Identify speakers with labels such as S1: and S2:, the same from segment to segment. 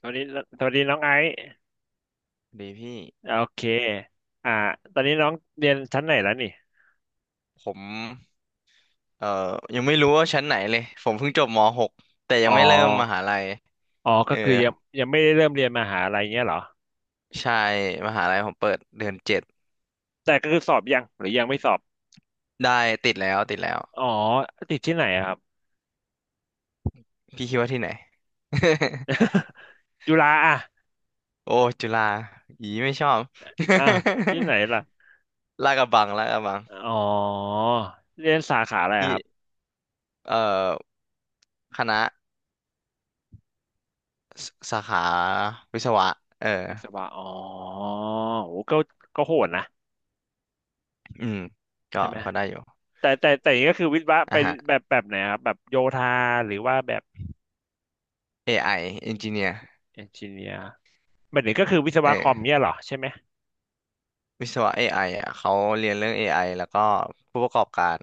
S1: สวัสดีสวัสดีน้องไอซ์
S2: ดีพี่
S1: โอเคอ่าตอนนี้น้องเรียนชั้นไหนแล้วนี่
S2: ผมเอ่อยังไม่รู้ว่าชั้นไหนเลยผมเพิ่งจบม .6 แต่ยั
S1: อ๋
S2: ง
S1: อ
S2: ไม่เริ่มมหาลัย
S1: อ๋อ
S2: เอ
S1: ก็
S2: อ
S1: คือยังไม่ได้เริ่มเรียนมหาลัยเงี้ยเหรอ
S2: ใช่มหาลัยผมเปิดเดือน7
S1: แต่ก็คือสอบยังหรือยังไม่สอบ
S2: ได้ติดแล้วติดแล้ว
S1: อ๋อติดที่ไหนอะครับ
S2: พี่คิดว่าที่ไหน
S1: จุฬาอ่ะ
S2: โอ้จุฬาอีไม่ชอบ
S1: อ่ะที่ไหนล่ะ
S2: ลาดกระบังลาดกระบัง
S1: อ๋อเรียนสาขาอะไรอะ
S2: ที่
S1: ครับ
S2: เอ่อคณะสาขาวิศวะเออ
S1: วิศวะอ๋อโหก็โหดนะ
S2: อืมก็
S1: ใช่ไหม
S2: ก็ได้อยู่
S1: แต่อย่างนี้ก็คือวิศวะไป
S2: อ่ะฮะ
S1: แบบไหนอะครับแบบโยธาหรือว่าแบบ
S2: AI Engineer
S1: เอนจิเนียร์แบบนี้ก็คือวิศ
S2: เอ
S1: วะคอ
S2: อ
S1: มเนี่ยเหรอใช่ไหม
S2: วิศวะ AI อไออ่ะเขาเรียนเรื่อง AI แล้วก็ผู้ประกอบการ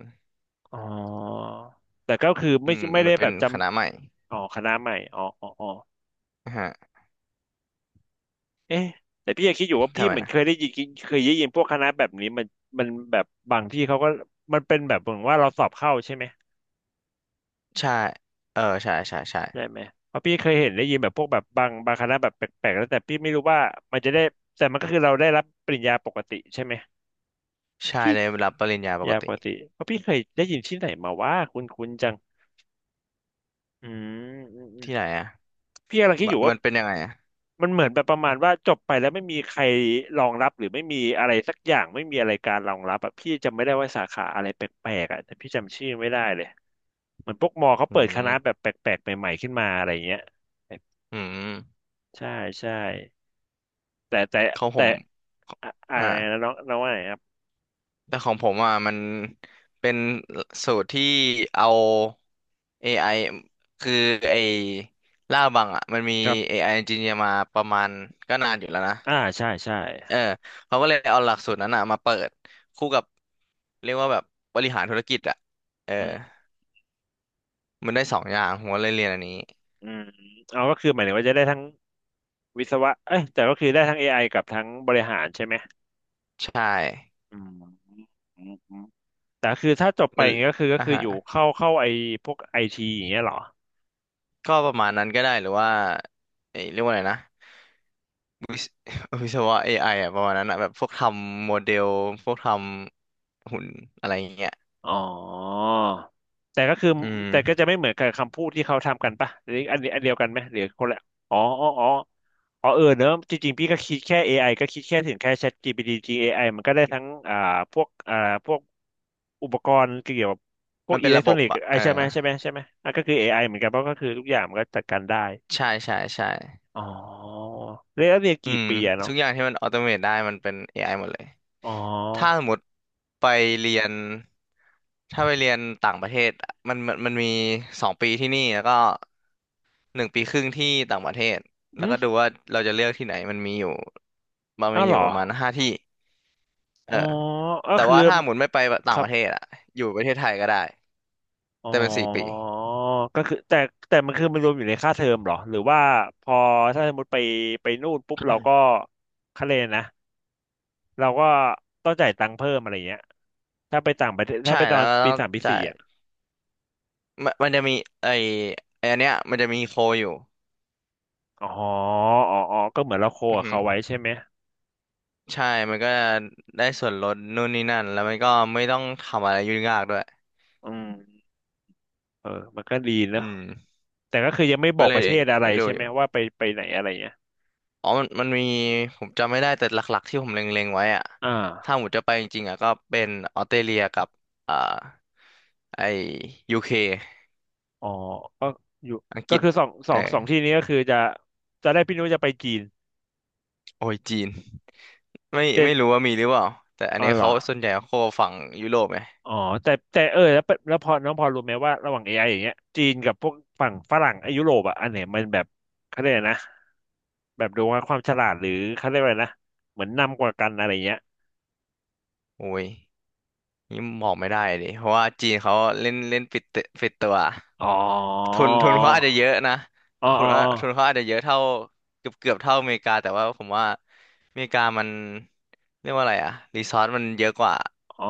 S1: อ๋อแต่ก็คือไม่
S2: มัน
S1: ได้
S2: เป็
S1: แบ
S2: น
S1: บจ
S2: คณะใหม่
S1: ำอ๋อคณะใหม่อ๋ออ๋ออ๋อ
S2: นะฮะ
S1: เอ๊ะแต่พี่ยังคิดอยู่ว่า
S2: ทำ
S1: พี่
S2: ไม
S1: เหมือน
S2: นะ
S1: เคยได้ยินพวกคณะแบบนี้มันแบบบางที่เขาก็มันเป็นแบบเหมือนว่าเราสอบเข้าใช่ไหม
S2: ใช่เออใช่ใช่ใช่
S1: ใช่ไหมเพราะพี่เคยเห็นได้ยินแบบพวกแบบบางคณะแบบแปลกๆแล้วแต่พี่ไม่รู้ว่ามันจะได้แต่มันก็คือเราได้รับปริญญาปกติใช่ไหม
S2: ใช่
S1: พี่
S2: ได้รับปริญญาปก
S1: ยาป
S2: ติ
S1: กติเพราะพี่เคยได้ยินที่ไหนมาว่าคุณคุณจังอืมอืมอืม
S2: ที่ไหนอ่ะ
S1: พี่กำลังคิ
S2: ม
S1: ดอยู่ว่า
S2: มันเป็นยังไงอ่ะ
S1: มันเหมือนแบบประมาณว่าจบไปแล้วไม่มีใครรองรับหรือไม่มีอะไรสักอย่างไม่มีอะไรการรองรับอ่ะพี่จำไม่ได้ว่าสาขาอะไรแปลกๆอ่ะแต่พี่จำชื่อไม่ได้เลยเหมือนพวกมอเขา
S2: อื
S1: เปิดค
S2: ม
S1: ณะแบบแปลกๆใหม่ๆขึ้นมาอะไรเงี้ย
S2: อืม
S1: ใช่ใช่แต่แต่
S2: ของผ
S1: แต่
S2: ม
S1: อะอะ
S2: อ่า
S1: ไรนะน้องน้องว่าไงครับ
S2: แต่ของผมอ่ะมันเป็นสูตรที่เอา AI คือไอ้ล่าบังอ่ะมันมี
S1: ครับ
S2: AI engineer มาประมาณก็นานอยู่แล้วนะ
S1: อ่าใช่ใช่
S2: เออเขาก็เลยเอาหลักสูตรนั้นอ่ะมาเปิดคู่กับเรียกว่าแบบบริหารธุรกิจอ่ะเออ
S1: อืม
S2: มันได้สองอย่างผมก็เลยเรียนอันนี้
S1: อืมเอาก็คือหมายถึงว่าจะได้ทั้งวิศวะเอ้ยแต่ก็คือได้ทั้ง AI กับทั้งบริหารใช่ไหม
S2: ใช่
S1: อืม แต่คือถ้าจบไป
S2: มั
S1: อ
S2: น
S1: ย่างเงี้ยก็
S2: อ่ะ
S1: คือ
S2: ฮะ
S1: อยู่เข้าไอพวกไอทีอย่างเงี้ยเหรอ
S2: ก็ประมาณนั้นก็ได้หรือว่าเอ้ยเรียกว่าอะไรนะ วิศวะ AI อไออ่ะประมาณนั้นอ่ะแบบพวกทำโมเดลพวกทำหุ่นอะไรอย่างเงี้ย
S1: อ๋อแต่ก็คือ
S2: อื
S1: แต่ก็
S2: ม
S1: จะไม่เหมือนกับคำพูดที่เขาทำกันปะหรืออันเดียวกันไหมหรือคนละอ๋ออ๋ออ๋ออ๋อเออเนอะจริงๆพี่ก็คิดแค่เอไ i ก็คิดแค่ถึงแค่ ChatGPT AI มันก็ได้ทั้งพวกพวกอุปกรณ์เกี่ยวกับพว
S2: มั
S1: ก
S2: นเป็
S1: อิ
S2: น
S1: เล็ก
S2: ระ
S1: ท
S2: บ
S1: รอ
S2: บ
S1: นิกส์
S2: อ่ะ
S1: ไอ
S2: เออ
S1: ใช่ไหมอ่ะก็คือเอไ i เหมือนกันเพราะก็คือทุกอย่างมันก็จัดการได้
S2: ใช่ใช่ใช่
S1: อ๋อเรียน
S2: อื
S1: กี่
S2: ม
S1: ปีอะ
S2: ทุ
S1: เนาะ
S2: กอย่างที่มันออโตเมตได้มันเป็น AI หมดเลย
S1: อ๋อ
S2: ถ้าสมมติไปเรียนถ้าไปเรียนต่างประเทศอะมันมี2 ปีที่นี่แล้วก็1 ปีครึ่งที่ต่างประเทศแล้วก็ดูว่าเราจะเลือกที่ไหนมันมีอยู่มัน
S1: อ้า
S2: มี
S1: ว
S2: อ
S1: เหร
S2: ยู่
S1: อ
S2: ประมาณ5 ที่เอ
S1: อ๋
S2: อ
S1: อก็
S2: แต่
S1: คือ
S2: ว่าถ้าหมุนไม่ไป
S1: ค
S2: ต่าง
S1: รั
S2: ป
S1: บ
S2: ระเทศอะอยู่ประเทศไทยก็ได้
S1: อ๋อ
S2: แต่เป็น4 ปี
S1: ก็คือแต่มันคือมันรวมอยู่ในค่าเทอมเหรอหรือว่าพอถ้าสมมติไปนู่นปุ๊บเราก็คะเลนนะเราก็ต้องจ่ายตังค์เพิ่มอะไรเงี้ยถ้าไปต่างประเทศถ้า
S2: ใช่
S1: ไปตอ
S2: แล้ว
S1: น
S2: ก็ต้
S1: ปี
S2: อง
S1: สามปี
S2: จ่า
S1: สี่
S2: ย
S1: อ่ะ
S2: มันมันจะมีไอไออันเนี้ยมันจะมีโคอยู่
S1: อ๋ออ๋ออ๋อก็เหมือนเราโค
S2: อือ
S1: กับ
S2: ฮึ
S1: เขาไว้ใช่ไหม
S2: ใช่มันก็ได้ส่วนลดนู่นนี่นั่นแล้วมันก็ไม่ต้องทำอะไรยุ่งยากด้วย
S1: อืมเออมันก็ดีเน
S2: อื
S1: อะ
S2: ม
S1: แต่ก็คือยังไม่บ
S2: ก็
S1: อก
S2: เล
S1: ป
S2: ย
S1: ระเทศอะไร
S2: ไปดู
S1: ใช่
S2: อ
S1: ไหม
S2: ยู่
S1: ว่าไปไหนอะไรเงี้ย
S2: อ๋อมันมันมีผมจำไม่ได้แต่หลักๆที่ผมเล็งๆไว้อะ
S1: อ่
S2: ถ้าผ
S1: า
S2: มจะไปจริงๆอะก็เป็นออสเตรเลียกับ อ่าไอยูเค
S1: อ๋อก็อยู่
S2: อังก
S1: ก็
S2: ฤษ
S1: คือ
S2: เออ
S1: สองที่นี้ก็คือจะได้พี่นุ้ยจะไปจีน
S2: โอ้ยจีนไม่
S1: แต่
S2: ไม่รู้ว่ามีหรือเปล่า แต่อัน
S1: อ๋อ
S2: นี้
S1: เหรอ
S2: เขาส่วนใหญ่เขาโคฝั่งยุโรปไง
S1: อ๋อแต่แต่เออแล้วเป็นแล้วพอน้องพอรู้ไหมว่าระหว่าง AI อไออย่างเงี้ยจีนกับพวกฝั่งฝรั่งไอ้ยุโรปอ่ะอันไหนมันแบบเขาเรียกอะไรนะแบบดูว่าความฉลาดหรือเขาเรียกว่าอะไรนะเหมือนนำกว่ากันอะไรเงี้ย
S2: โอ้ยนี่บอกไม่ได้เลยเพราะว่าจีนเขาเล่นเล่นปิดตัว
S1: อ๋อ
S2: ทุนเขาอาจจะเยอะนะ
S1: อ๋อ
S2: ทุน
S1: อ๋อ
S2: ว่าทุนเขาอาจจะเยอะเท่าเกือบเท่าอเมริกาแต่ว่าผมว่าอเมริกามันเรียกว่าอะไรอะรีซอสมันเยอะกว่า
S1: อ๋อ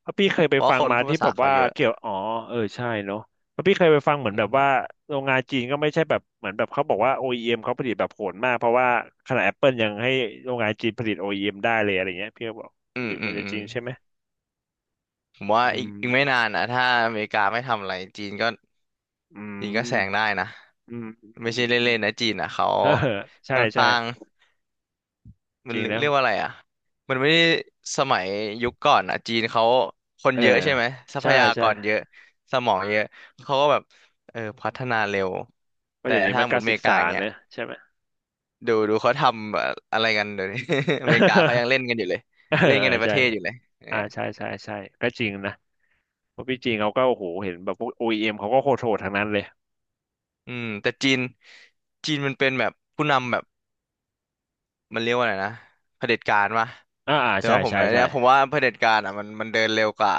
S1: เพราะพี่เคยไป
S2: เพราะ
S1: ฟั
S2: ค
S1: ง
S2: น
S1: มา
S2: พูด
S1: ที่
S2: ภาษา
S1: แบบ
S2: เขา
S1: ว่า
S2: เยอะ
S1: เกี่ยวอ๋อเออใช่เนาะเพราะพี่เคยไปฟังเหมือน
S2: อื
S1: แบบว่า
S2: ม
S1: โรงงานจีนก็ไม่ใช่แบบเหมือนแบบเขาบอกว่า OEM เอ็มเขาผลิตแบบโหดมากเพราะว่าขนาด Apple ยังให้โรงงานจีนผลิต OEM ได้เลยอะไรเงี้ยพี่ก็บอก
S2: อื
S1: ห
S2: ม
S1: รือ
S2: อื
S1: มั
S2: ม
S1: นจะ
S2: อื
S1: จ
S2: ม
S1: ริงใช่ไหม
S2: ผมว่า
S1: อื
S2: อีก
S1: ม
S2: อีกไม่นานนะถ้าอเมริกาไม่ทำอะไรจีนก็
S1: อืม
S2: แซงได้นะ
S1: อืมอืม
S2: ไม่
S1: อืม
S2: ใช่
S1: อืม
S2: เล่นๆนะจีนอ่ะเขา
S1: เออใช่
S2: ค่อน
S1: ใช่
S2: ข้าง มั
S1: จ
S2: น
S1: ริง
S2: เรี
S1: แล้
S2: เรี
S1: ว
S2: ยกว่าอะไรอ่ะมันไม่ได้สมัยยุคก่อนอ่ะจีนเขาคน
S1: เออ
S2: เยอะใช่ไหมทรัพ
S1: ใช่
S2: ยาก
S1: ใช่
S2: รเยอะสมองเยอะเขาก็แบบเออพัฒนาเร็ว
S1: เพราะ
S2: แต่
S1: เดี๋ยวนี้
S2: ถ้า
S1: มัน
S2: หม
S1: กา
S2: ด
S1: ร
S2: อ
S1: ศึ
S2: เม
S1: ก
S2: ริกา
S1: ษา
S2: เงี้
S1: เน
S2: ย
S1: อะใช่ไหม
S2: ดูเขาทำแบบอะไรกันเดี๋ยวนี้ อเมริกาเขายังเล่นกันอยู่เลย
S1: เออ
S2: เล่นกันในประ
S1: ใช่
S2: เทศอยู่เลยเออ
S1: อ่าใช่ใช่ใช่ก็จริงนะ เพราะพี่จีนเขาก็โอ้โหเห็นแบบพวก OEM เอ็มเขาก็โคตรโหดทั้งนั้นเลย
S2: อืมแต่จีนมันเป็นแบบผู้นำแบบมันเรียกว่าอะไรนะเผด็จการวะ
S1: อ่าอ่า
S2: แต่
S1: ใช่
S2: ว่าผม
S1: ใช่
S2: อัน
S1: ใช่
S2: เนี้ยผมว่าเผด็จการอ่ะมันเดินเร็วกว่า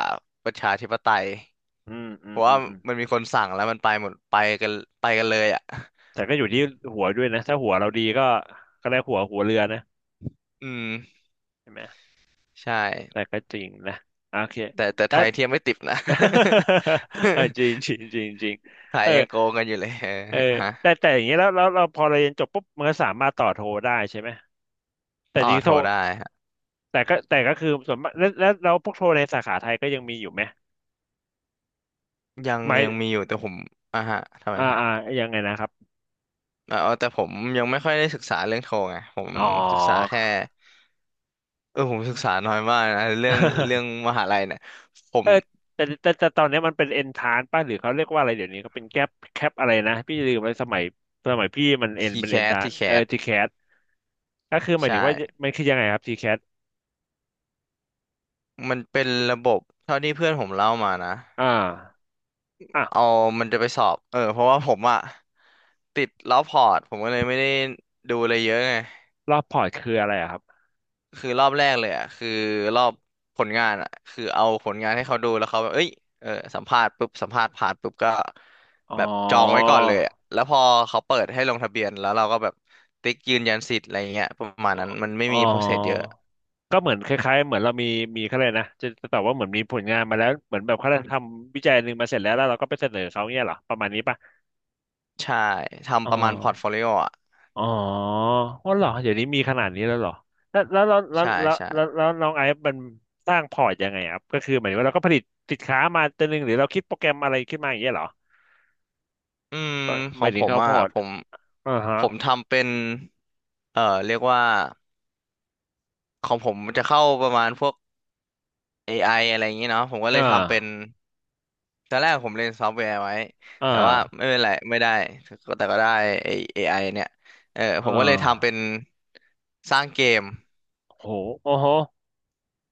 S2: ประชาธิปไตย
S1: อืมอื
S2: เพ
S1: ม
S2: ราะ
S1: อื
S2: ว่า
S1: มอืม
S2: มันมีคนสั่งแล้วมันไปหมดไปกันเลยอ่ะ
S1: แต่ก็อยู่ที่หัวด้วยนะถ้าหัวเราดีก็ก็ได้หัวเรือนะ
S2: อืม
S1: ใช่ไหม
S2: ใช่
S1: แต่ก็จริงนะโอเค
S2: แต่ไท
S1: แล้ว
S2: ยเทียมไม่ติดนะ
S1: เออจริงจริ งจริงจริง
S2: ไทย
S1: เออ
S2: ยังโกงกันอยู่เลยเออ
S1: เออ
S2: ฮะ
S1: แต่แต่อย่างนี้แล้วเราพอเราเรียนจบปุ๊บมันก็สามารถต่อโทได้ใช่ไหมแต่
S2: ต่อ
S1: จริง
S2: โท
S1: โท
S2: รได้ฮะ
S1: แต่ก็คือส่วนมากแล้วพวกโทในสาขาไทยก็ยังมีอยู่ไหม
S2: ยัง
S1: หมาย
S2: ยังมีอยู่แต่ผมอ่ะฮะทำไม
S1: อ่า
S2: ฮะ
S1: อ่ายังไงนะครับ
S2: เออแต่ผมยังไม่ค่อยได้ศึกษาเรื่องโทรไงผม
S1: อ๋อ
S2: ศึกษาแค่เออผมศึกษาน้อยมากนะเรื่องเรื่องมหาลัยเนี่ยผม
S1: เออแต่ตอนนี้มันเป็นเอนทานป่ะหรือเขาเรียกว่าอะไรเดี๋ยวนี้เขาเป็นแคปอะไรนะพี่ลืมไปสมัยสมัยพี่มันเอน
S2: ที
S1: เป็น
S2: แค
S1: เอน
S2: ส
S1: ทาน
S2: ทีแคส
S1: ทีแคสก็คือหมาย
S2: ใช่
S1: ถึงว่ามันคือยังไงครับทีแคส
S2: มันเป็นระบบเท่าที่เพื่อนผมเล่ามานะ
S1: อ่าอ่ะ
S2: เอามันจะไปสอบเออเพราะว่าผมอะติดรอบพอร์ตผมก็เลยไม่ได้ดูอะไรเยอะไง
S1: รอบพอร์ตคืออะไรอะครับ
S2: คือรอบแรกเลยอะคือรอบผลงานอะคือเอาผลงานให้เขาดูแล้วเขาแบบเอ้ยเออสัมภาษณ์ปุ๊บสัมภาษณ์ผ่านปุ๊บก็
S1: อ๋
S2: แบบจองไว้
S1: อ
S2: ก่อนเลยอะแล้วพอเขาเปิดให้ลงทะเบียนแล้วเราก็แบบติ๊กยืนยันสิทธิ์อะไรเงี้ยประมาณ
S1: อ๋อ
S2: นั้นมันไม่
S1: อ๋อ
S2: มีโปรเซสเยอะ
S1: ก็เหมือนคล้ายๆเหมือนเรามีเขาเลยกนะจะตอบว่าเหมือนมีผลงานมาแล้วเหมือนแบบเขาทำวิจัยหนึ่งมาเสร็จแล้วแล้วเราก็ไปเสนอเขาเนี่ยเหรอประมาณนี้ป่ะ
S2: ใช่
S1: อ๋อ
S2: ทำประมาณพอร์ตโฟลิโออะ
S1: อ๋ออ๋อเหรอเดี๋ยวนี้มีขนาดนี้แล้วเหรอแล้วแล้วแล้วแล้ว
S2: ใช่
S1: แล้ว
S2: ใช่
S1: แล้วแล้วน้องไอซ์มันสร้างพอร์ตยังไงครับก็คือหมายถึงว่าเราก็ผลิตสินค้ามาตัวหนึ่งหรือเราคิดโปรแกรมอะไรขึ้นมาอย่างเงี้ยเหรอ
S2: อืมข
S1: ห
S2: อ
S1: มา
S2: ง
S1: ยถึ
S2: ผ
S1: ง
S2: ม
S1: เขาพ
S2: อะ
S1: อร์ตอ่าฮะ
S2: ผมทำเป็นเอ่อเรียกว่า ของผมมันจะเข้าประมาณพวก AI อไออะไรอย่างนี้เนาะผมก็เล
S1: อ่า
S2: ยทำเป็นตอนแรกผมเรียนซอฟต์แวร์ไว้
S1: อ่า
S2: แต่ว่าไม่เป็นไรไม่ได้ก็แต่ก็ได้ไอ้ AI เนี่ยเออผ
S1: อ่
S2: มก็เลยทำเป็
S1: า
S2: นสร้างเกม
S1: โหโอ้โห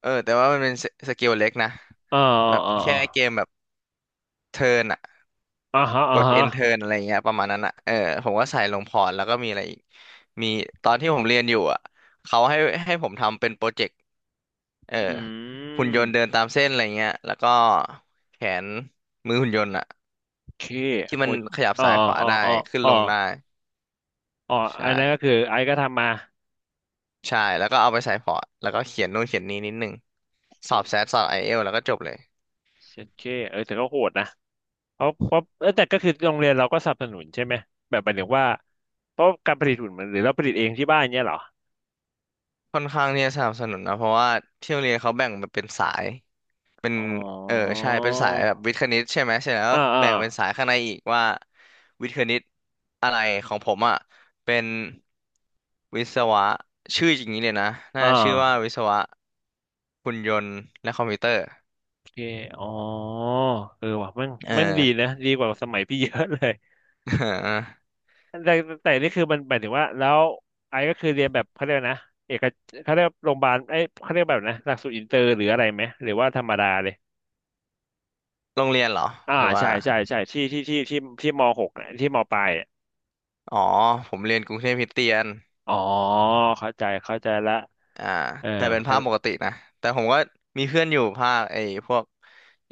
S2: เออแต่ว่ามันเป็นสเกลเล็กนะ
S1: อ่า
S2: แบบแค่เกม
S1: อ
S2: แบบเทิร์นอะ
S1: ่าฮะ
S2: ก
S1: อ่า
S2: ด
S1: ฮะ
S2: end turn อะไรอย่างเงี้ยประมาณนั้นอะเออผมก็ใส่ลงพอร์ตแล้วก็มีอะไรอีกมีตอนที่ผมเรียนอยู่อะเขาให้ผมทำเป็นโปรเจกต์ เออ
S1: อื
S2: หุ่นยนต์เดิน
S1: ม
S2: ตามเส้นอะไรเงี้ยแล้วก็แขนมือหุ่นยนต์อะ
S1: โอเค
S2: ที่
S1: โห
S2: มันขยับ
S1: อ่า
S2: ซ้ายขวา
S1: อ่า
S2: ได้
S1: อ่า
S2: ขึ้น
S1: อ่า
S2: ลงได้
S1: อ่าอันนั้นก็
S2: ใช่
S1: คือไอซ์ก็ทำมา
S2: ใช่แล้วก็เอาไปใส่พอร์ตแล้วก็เขียนนู่นเขียนนี้นิดนึงส
S1: โอ
S2: อบแซดสอบไอเอลแล้วก็จบเลย
S1: เชดเคเออแต่ก็โหดนะ เพราะเอ้ยแต่ก็คือโรงเรียนเราก็สนับสนุนใช่ไหมแบบหมายถึงว่าเพราะการผลิตหุ่นมันหรือเราผลิตเองที่บ้านเนี้ยเหรอ
S2: ค่อนข้างที่จะสนับสนุนนะเพราะว่าที่โรงเรียนเขาแบ่งมันเป็นสายเป็น
S1: อ๋อ
S2: เออใช่เป็นสายแบบวิทย์คณิตใช่ไหมเสร็จแล้วก็
S1: อ่าอ่า
S2: แบ่งเป็นสายข้างในอีกว่าวิทย์คณิตอะไรของผมอ่ะเป็นวิศวะชื่ออย่างนี้เลยนะ
S1: อ่
S2: น่าชื่อว่าวิ
S1: า
S2: ศวะ หุ่นยนต์และคอมพิวเตอร์
S1: โอเคอ๋อเออว่ะมัน
S2: เออ
S1: มันดีนะดีกว่าสมัยพี่เยอะเลย แต่แต่นี่คือมันหมายถึงว่าแล้วไอ้ก็คือเรียนแบบเขาเรียกนะเอกเขาเรียกโรงพยาบาลไอ้ยเขาเรียกแบบนะหลักสูตรอินเตอร์หรืออะไรไหมหรือว่าธรรมดาเลย
S2: โรงเรียนเหรอหรือว่า
S1: ใช่ใช่ที่ที่มหกอะที่มปลายอะ
S2: อ๋อผมเรียนกรุงเทพคริสเตียน
S1: อ๋อเข้าใจเข้าใจละ
S2: อ่า
S1: เออ
S2: แต่เป็
S1: มั
S2: น
S1: นก็
S2: ภาคปกตินะแต่ผมก็มีเพื่อนอยู่ภาคไอ้พวก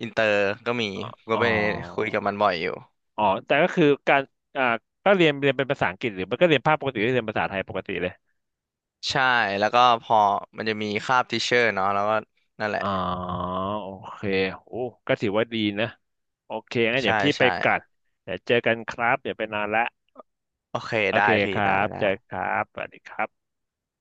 S2: อินเตอร์ก็มีผมก็
S1: อ๋อ
S2: ไปคุยกับมันบ่อยอยู่
S1: อ๋อแต่ก็คือการอ่าก็เรียนเรียนเป็นภาษาอังกฤษหรือมันก็เรียนภาคปกติหรือเรียนภาษาไทยปกติเลย
S2: ใช่แล้วก็พอมันจะมีคาบทิเชอร์เนาะแล้วก็นั่นแหละ
S1: อ๋อ โอเค โอ้ก็ถือว่าดีนะ โอเคงั้น
S2: ใช่
S1: เดี๋ยวพี่ไป
S2: ใช่
S1: กัดเดี๋ยวเจอกันครับเดี๋ยวไปนอนละ
S2: โอเค
S1: โอ
S2: ได้
S1: เค
S2: พี่
S1: ค
S2: ได้
S1: รับ
S2: ได้
S1: เจอครับสวัสดีครับ